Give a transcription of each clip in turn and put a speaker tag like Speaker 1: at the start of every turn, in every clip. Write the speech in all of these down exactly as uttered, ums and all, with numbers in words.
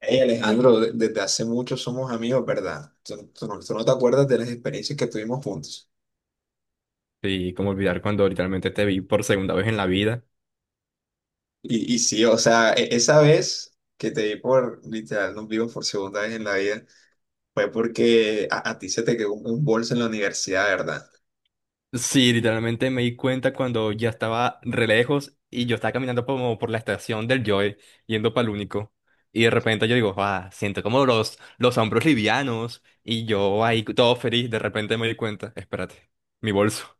Speaker 1: Hey Alejandro, de- desde hace mucho somos amigos, ¿verdad? Tú, tú no tú no te acuerdas de las experiencias que tuvimos juntos.
Speaker 2: Sí, cómo olvidar cuando literalmente te vi por segunda vez en la vida.
Speaker 1: Y, y sí, o sea, e- esa vez que te vi, por literal, nos vimos por segunda vez en la vida, fue porque a, a ti se te quedó un, un bolso en la universidad, ¿verdad?
Speaker 2: Sí, literalmente me di cuenta cuando ya estaba re lejos y yo estaba caminando como por la estación del Joy, yendo para el único. Y de repente yo digo, ah, siento como los, los hombros livianos. Y yo ahí todo feliz, de repente me di cuenta, espérate, mi bolso.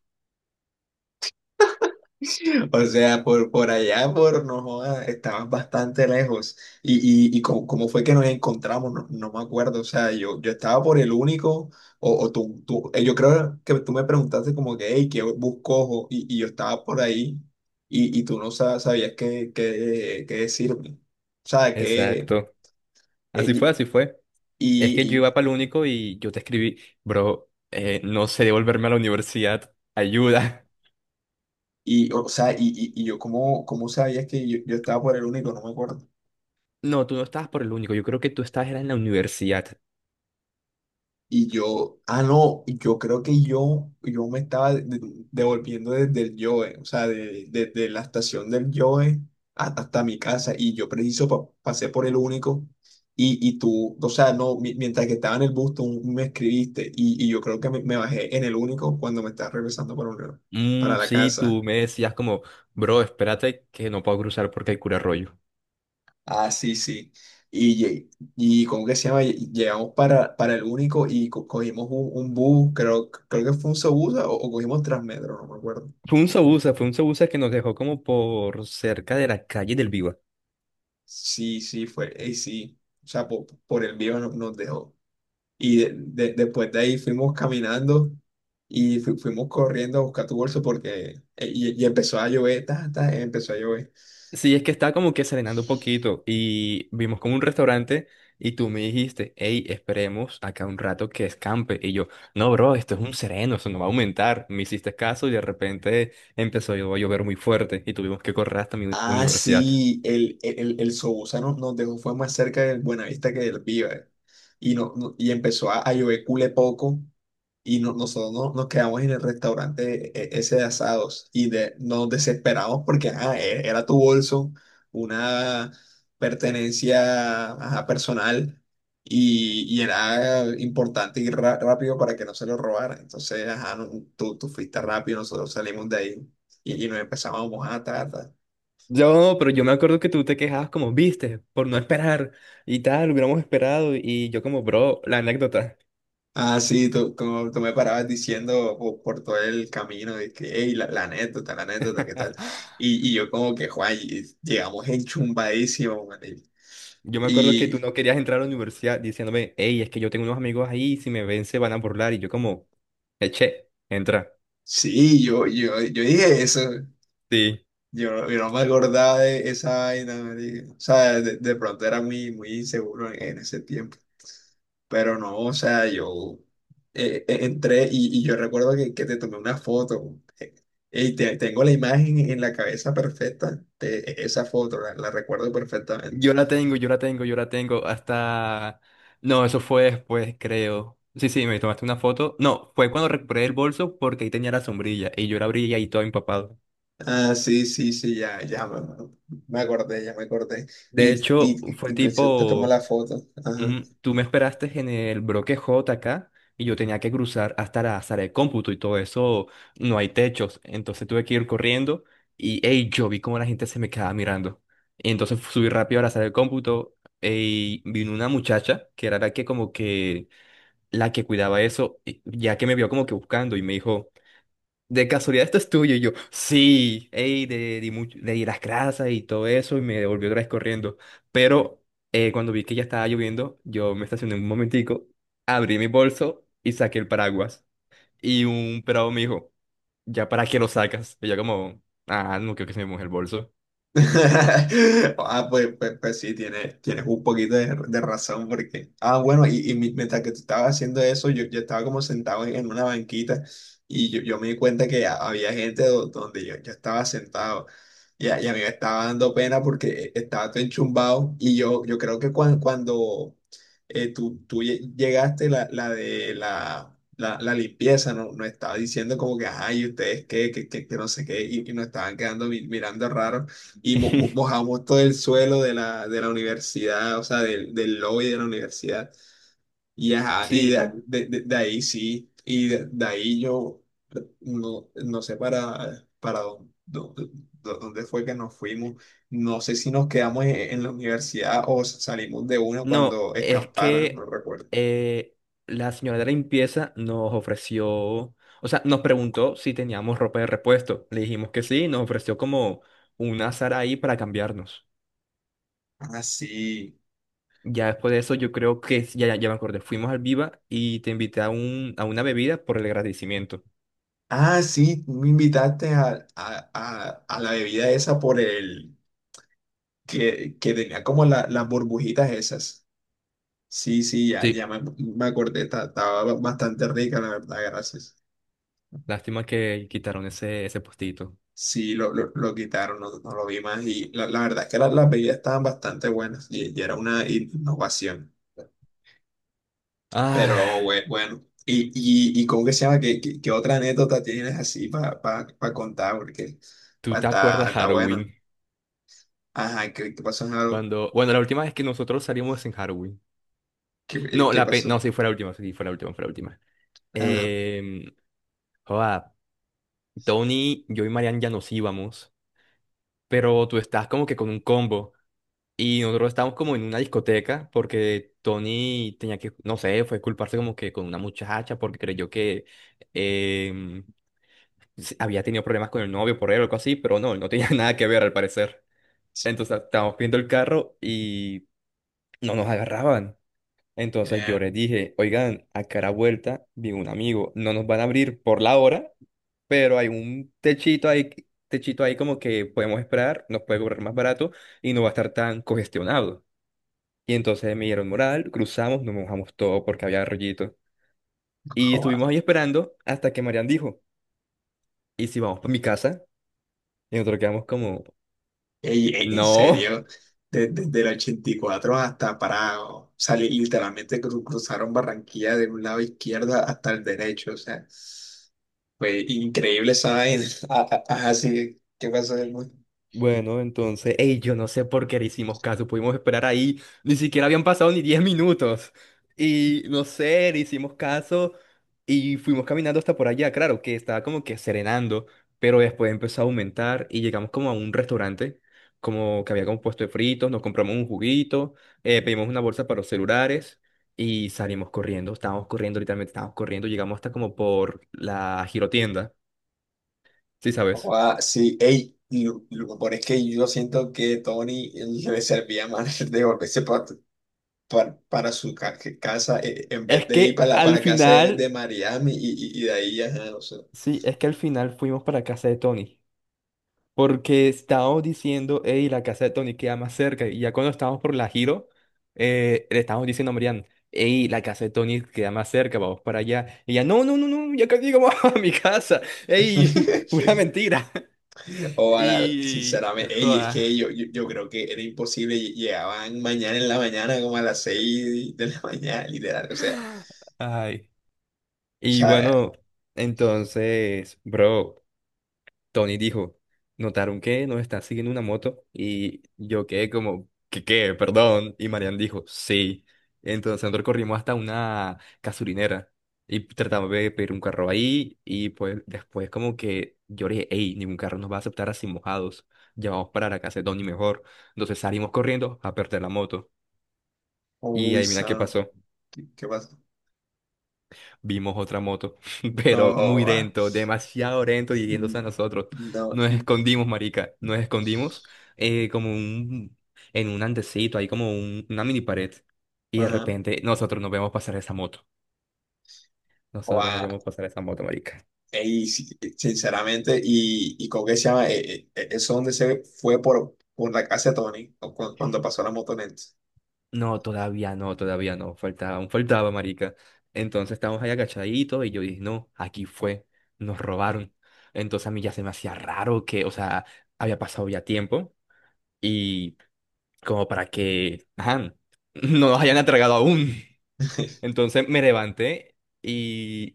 Speaker 1: O sea, por, por allá, por, no jodas, estabas bastante lejos. Y, y, y cómo, cómo fue que nos encontramos, no, no me acuerdo. O sea, yo, yo estaba por el único, o, o tú, tú, eh, yo creo que tú me preguntaste como que, hey, ¿qué busco? Y, y yo estaba por ahí y, y tú no sa- sabías qué, qué, qué decirme. O sea, que,
Speaker 2: Exacto.
Speaker 1: eh,
Speaker 2: Así fue, así fue. Es que
Speaker 1: y,
Speaker 2: yo
Speaker 1: y,
Speaker 2: iba para el único y yo te escribí, bro, eh, no sé devolverme a la universidad, ayuda.
Speaker 1: y, y, o sea, y, y, y yo, ¿cómo, cómo sabías que yo, yo estaba por el único? No me acuerdo.
Speaker 2: No, tú no estabas por el único, yo creo que tú estabas era en la universidad.
Speaker 1: Y yo, ah, no, yo creo que yo, yo me estaba de- de- devolviendo desde el Yoe, o sea, de- desde la estación del Yoe hasta, hasta mi casa. Y yo preciso pa- pasé por el único. Y, y tú, o sea, no, mi- mientras que estaba en el bus, tú me escribiste. Y, y yo creo que me, me bajé en el único cuando me estaba regresando para, un- para
Speaker 2: Mm,
Speaker 1: la
Speaker 2: sí,
Speaker 1: casa.
Speaker 2: tú me decías como, bro, espérate que no puedo cruzar porque hay cura rollo.
Speaker 1: Ah, sí, sí. Y, lle- y ¿cómo que se llama? Lle- Llegamos para, para el único y co- cogimos un, un bus, creo, creo que fue un Sobusa o, o cogimos Transmetro, no me acuerdo.
Speaker 2: Fue un sabusa, fue un sabusa que nos dejó como por cerca de la calle del Viva.
Speaker 1: Sí, sí, fue, y sí. O sea, po- por, el vivo no- nos dejó. Y de- de- después de ahí fuimos caminando y fu- fuimos corriendo a buscar tu bolso porque eh, y, y empezó a llover, ta, ta, empezó a llover.
Speaker 2: Sí, es que estaba como que serenando un poquito y vimos como un restaurante y tú me dijiste, hey, esperemos acá un rato que escampe. Y yo, no, bro, esto es un sereno, eso no va a aumentar. Me hiciste caso y de repente empezó a llover muy fuerte y tuvimos que correr hasta mi
Speaker 1: Ah,
Speaker 2: universidad.
Speaker 1: sí, el, el, el, el Sobusano nos dejó, fue más cerca del Buenavista que del Viva. Y no, no- y empezó a, a llover cule poco y no, nosotros no, nos quedamos en el restaurante e- e- ese de asados y de, nos desesperamos porque ajá, e- era tu bolso, una pertenencia, ajá, personal, y, y era importante ir ra- rápido para que no se lo robaran. Entonces, ajá, no- tú, tú fuiste rápido, nosotros salimos de ahí y, y nos empezamos a mojar, ta, ta.
Speaker 2: Yo, pero yo me acuerdo que tú te quejabas como, viste, por no esperar y tal, hubiéramos esperado y yo como, bro, la anécdota.
Speaker 1: Ah, sí, tú, como tú me parabas diciendo po- por todo el camino de que, hey, la, la anécdota, la anécdota, ¿qué tal? Y, y yo como que, Juan, y- llegamos enchumbadísimos, marica".
Speaker 2: Yo me acuerdo que tú
Speaker 1: Y
Speaker 2: no querías entrar a la universidad diciéndome, hey, es que yo tengo unos amigos ahí, si me ven se van a burlar y yo como, eche, entra.
Speaker 1: sí, yo, yo, yo dije eso,
Speaker 2: Sí.
Speaker 1: yo, yo no me acordaba de esa vaina, marica. O sea, de, de pronto era muy, muy inseguro en, en ese tiempo. Pero no, o sea, yo eh, eh, entré y, y yo recuerdo que, que te tomé una foto. Eh, y te- tengo la imagen en la cabeza perfecta de esa foto, la, la recuerdo perfectamente.
Speaker 2: Yo la tengo, yo la tengo, yo la tengo, hasta... No, eso fue después, creo. Sí, sí, me tomaste una foto. No, fue cuando recuperé el bolso porque ahí tenía la sombrilla y yo la abrí y ahí todo empapado.
Speaker 1: Ah, sí, sí, sí, ya, ya me, me acordé, ya me acordé. Y,
Speaker 2: De
Speaker 1: y,
Speaker 2: hecho,
Speaker 1: y,
Speaker 2: fue
Speaker 1: y preciso te tomo
Speaker 2: tipo...
Speaker 1: la foto, ajá.
Speaker 2: Ujú. Tú me esperaste en el bloque J acá y yo tenía que cruzar hasta la sala de cómputo y todo eso, no hay techos, entonces tuve que ir corriendo y ey, yo vi cómo la gente se me quedaba mirando. Y entonces subí rápido a la sala de cómputo y vino una muchacha que era la que como que la que cuidaba eso, y- ya que me vio como que buscando y me dijo, de casualidad, esto es tuyo. Y yo, sí, ey, de, di mucho- le di las grasas y todo eso, y me devolvió otra vez corriendo. Pero eh, cuando vi que ya estaba lloviendo, yo me estacioné un momentico, abrí mi bolso y saqué el paraguas. Y un pelado me dijo, ¿ya para qué lo sacas? Y yo, como, ah, no creo que se me moje el bolso.
Speaker 1: Ah, pues, pues, pues sí, tienes, tienes un poquito de, de razón porque, ah, bueno, y, y mi- mientras que tú estabas haciendo eso, yo, yo estaba como sentado en, en una banquita y yo, yo me di cuenta que ha- había gente do- donde yo, yo estaba sentado y a, y a mí me estaba dando pena porque estaba todo enchumbado y yo, yo creo que cuan- cuando, eh, tú, tú lle- llegaste, la, la de la, la, la limpieza, ¿no? Nos estaba diciendo como que, ay, ¿ustedes qué? Que, que, que no sé qué, y, y nos estaban quedando mi- mirando raro. Y mo- mo- mojamos todo el suelo de la, de la universidad, o sea, del, del lobby de la universidad. Y, ajá, y de,
Speaker 2: Sí.
Speaker 1: de- de- de ahí sí, y de, de ahí yo no, no sé para, para dónde, dónde- dónde fue que nos fuimos. No sé si nos quedamos en, en la universidad o salimos de una
Speaker 2: No,
Speaker 1: cuando
Speaker 2: es
Speaker 1: escamparan, no
Speaker 2: que
Speaker 1: recuerdo.
Speaker 2: eh, la señora de la limpieza nos ofreció, o sea, nos preguntó si teníamos ropa de repuesto. Le dijimos que sí, nos ofreció como un azar ahí para cambiarnos.
Speaker 1: Ah, sí.
Speaker 2: Ya después de eso, yo creo que, ya, ya ya me acordé, fuimos al Viva y te invité a, un, a una bebida por el agradecimiento.
Speaker 1: Ah, sí, tú me invitaste a, a- a- a la bebida esa por el que, que tenía como la- las burbujitas esas. Sí, sí, ya,
Speaker 2: Sí,
Speaker 1: ya me, me acordé, está- estaba ba- bastante rica, la verdad, gracias.
Speaker 2: lástima que quitaron ese, ese postito.
Speaker 1: Sí, lo, lo, lo quitaron, no, no lo vi más y la, la verdad es que las, las bebidas estaban bastante buenas y, y era una innovación, pero
Speaker 2: Ah,
Speaker 1: bue- bueno. ¿Y, y, y cómo que se llama? ¿Qué, qué, qué otra anécdota tienes así para pa, pa- pa contar? Porque
Speaker 2: ¿tú
Speaker 1: pa-
Speaker 2: te
Speaker 1: está,
Speaker 2: acuerdas
Speaker 1: está bueno.
Speaker 2: Halloween?
Speaker 1: Ajá, ¿qué, qué pasó en algo?
Speaker 2: Cuando, bueno, la última vez que nosotros salimos en Halloween.
Speaker 1: ¿Qué,
Speaker 2: No,
Speaker 1: qué
Speaker 2: la pe-
Speaker 1: pasó?
Speaker 2: no, sí fue la última, sí fue la última, fue la última.
Speaker 1: Ajá.
Speaker 2: Eh, joda, Tony, yo y Marian ya nos íbamos, pero tú estás como que con un combo y nosotros estábamos como en una discoteca porque Tony tenía que, no sé, fue culparse como que con una muchacha porque creyó que em, se- había tenido problemas con el novio por él o algo así, pero no, no tenía nada que ver al parecer. Entonces estábamos viendo el carro y no nos agarraban. Entonces yo
Speaker 1: Eh,
Speaker 2: les dije, oigan, a cara vuelta, vi un amigo, no nos van a abrir por la hora pero hay un techito ahí, techito ahí como que podemos esperar, nos puede cobrar más barato y no va a estar tan congestionado. Y entonces me dieron moral, cruzamos, nos mojamos todo porque había rollito. Y estuvimos ahí esperando hasta que Marian dijo, ¿y si vamos para mi casa? Y nosotros quedamos como,
Speaker 1: Ey, ey, en
Speaker 2: no.
Speaker 1: serio, de- desde el ochenta y cuatro hasta Parado, salir literalmente cru- cruzaron Barranquilla de un lado izquierdo hasta el derecho, o sea, fue increíble esa vaina. Ah, ah, ah, sí, ¿qué pasó después?
Speaker 2: Bueno, entonces, ey, yo no sé por qué le hicimos caso, pudimos esperar ahí, ni siquiera habían pasado ni diez minutos. Y no sé, le hicimos caso y fuimos caminando hasta por allá, claro, que estaba como que serenando, pero después empezó a aumentar y llegamos como a un restaurante, como que había como puesto de fritos, nos compramos un juguito, eh, pedimos una bolsa para los celulares y salimos corriendo, estábamos corriendo, literalmente estábamos corriendo, llegamos hasta como por la girotienda, ¿sí sabes?
Speaker 1: Ah, sí, ey, lo, lo mejor es que yo siento que Tony le servía más de volverse pa- pa- para su ca- casa, eh, en
Speaker 2: Es
Speaker 1: vez de ir
Speaker 2: que
Speaker 1: para la, para
Speaker 2: al
Speaker 1: la casa de, de
Speaker 2: final
Speaker 1: Mariami y, y, y de ahí, ajá, o sea.
Speaker 2: Sí, es que al final fuimos para casa de Tony, porque estábamos diciendo, hey, la casa de Tony queda más cerca, y ya cuando estábamos por la Giro, eh, le estábamos diciendo a Marian, hey, la casa de Tony queda más cerca, vamos para allá. Y ella, no, no, no, no, ya casi llegamos a mi casa, hey, pura mentira.
Speaker 1: O a la-
Speaker 2: Y,
Speaker 1: sinceramente, ey, es
Speaker 2: joda,
Speaker 1: que yo, yo, yo creo que era imposible, lle- llegaban mañana en la mañana, como a las seis de la mañana, literal, o sea,
Speaker 2: ay.
Speaker 1: o
Speaker 2: Y
Speaker 1: sea,
Speaker 2: bueno, entonces, bro. Tony dijo, notaron que nos está siguiendo una moto y yo quedé como, ¿qué qué? Perdón. Y Marian dijo, sí. Entonces nosotros corrimos hasta una casurinera y tratamos de pedir un carro ahí y pues después como que yo le dije, hey, ningún carro nos va a aceptar así mojados. Ya vamos para la casa de Tony mejor. Entonces salimos corriendo a perder la moto. Y
Speaker 1: uy,
Speaker 2: adivina qué
Speaker 1: son,
Speaker 2: pasó.
Speaker 1: ¿qué, qué pasa?
Speaker 2: Vimos otra moto,
Speaker 1: No,
Speaker 2: pero muy
Speaker 1: joda.
Speaker 2: lento, demasiado lento y yéndose
Speaker 1: Mm,
Speaker 2: a nosotros.
Speaker 1: no,
Speaker 2: Nos
Speaker 1: y-
Speaker 2: escondimos, marica, nos escondimos eh, como un, en un andecito, hay como un- una mini pared. Y de
Speaker 1: ajá,
Speaker 2: repente nosotros nos vemos pasar esa moto. Nosotros nos
Speaker 1: joda,
Speaker 2: vemos pasar esa moto, marica.
Speaker 1: ey, sí, sinceramente, y, y con qué se llama, Eh, eh, eso donde se fue por, por la casa de Tony, o cu- cuando pasó la motoneta.
Speaker 2: No, todavía no, todavía no. Faltaba, aún faltaba, marica. Entonces estábamos ahí agachaditos y yo dije, no, aquí fue, nos robaron. Entonces a mí ya se me hacía raro que, o sea, había pasado ya tiempo y como para que, ajá, no nos hayan atragado aún. Entonces me levanté y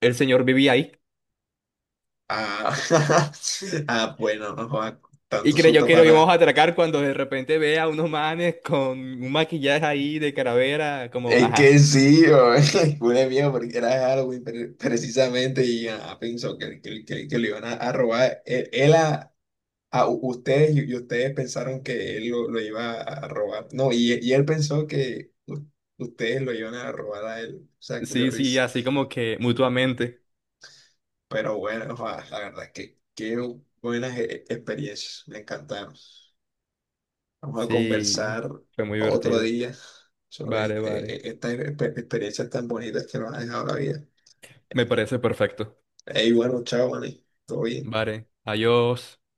Speaker 2: el señor vivía ahí.
Speaker 1: Ah, ah, bueno, no joda,
Speaker 2: Y
Speaker 1: tanto
Speaker 2: creyó
Speaker 1: susto
Speaker 2: que
Speaker 1: para
Speaker 2: lo íbamos a
Speaker 1: nada.
Speaker 2: atracar cuando de repente ve a unos manes con un maquillaje ahí de calavera, como,
Speaker 1: Es
Speaker 2: ajá.
Speaker 1: que sí, o- fue mío porque era Halloween pre- precisamente y ah, pensó que, que, que- que le iban a, a robar. Él, él a, a u- ustedes y, y ustedes pensaron que él lo, lo iba a a robar. No, y, y él pensó que u- ustedes lo iban a robar a él. O sea, culé
Speaker 2: Sí, sí,
Speaker 1: risa.
Speaker 2: así como que mutuamente.
Speaker 1: Pero bueno, joda, la verdad es que qué buenas e- e-, experiencias, me encantaron. Vamos a
Speaker 2: Sí,
Speaker 1: conversar
Speaker 2: fue muy
Speaker 1: otro
Speaker 2: divertido.
Speaker 1: día sobre eh,
Speaker 2: Vale, vale.
Speaker 1: eh, estas exper- experiencias tan bonitas que nos ha dejado la vida.
Speaker 2: Me parece perfecto.
Speaker 1: Hey, bueno, chao, Manny. Todo bien.
Speaker 2: Vale, adiós.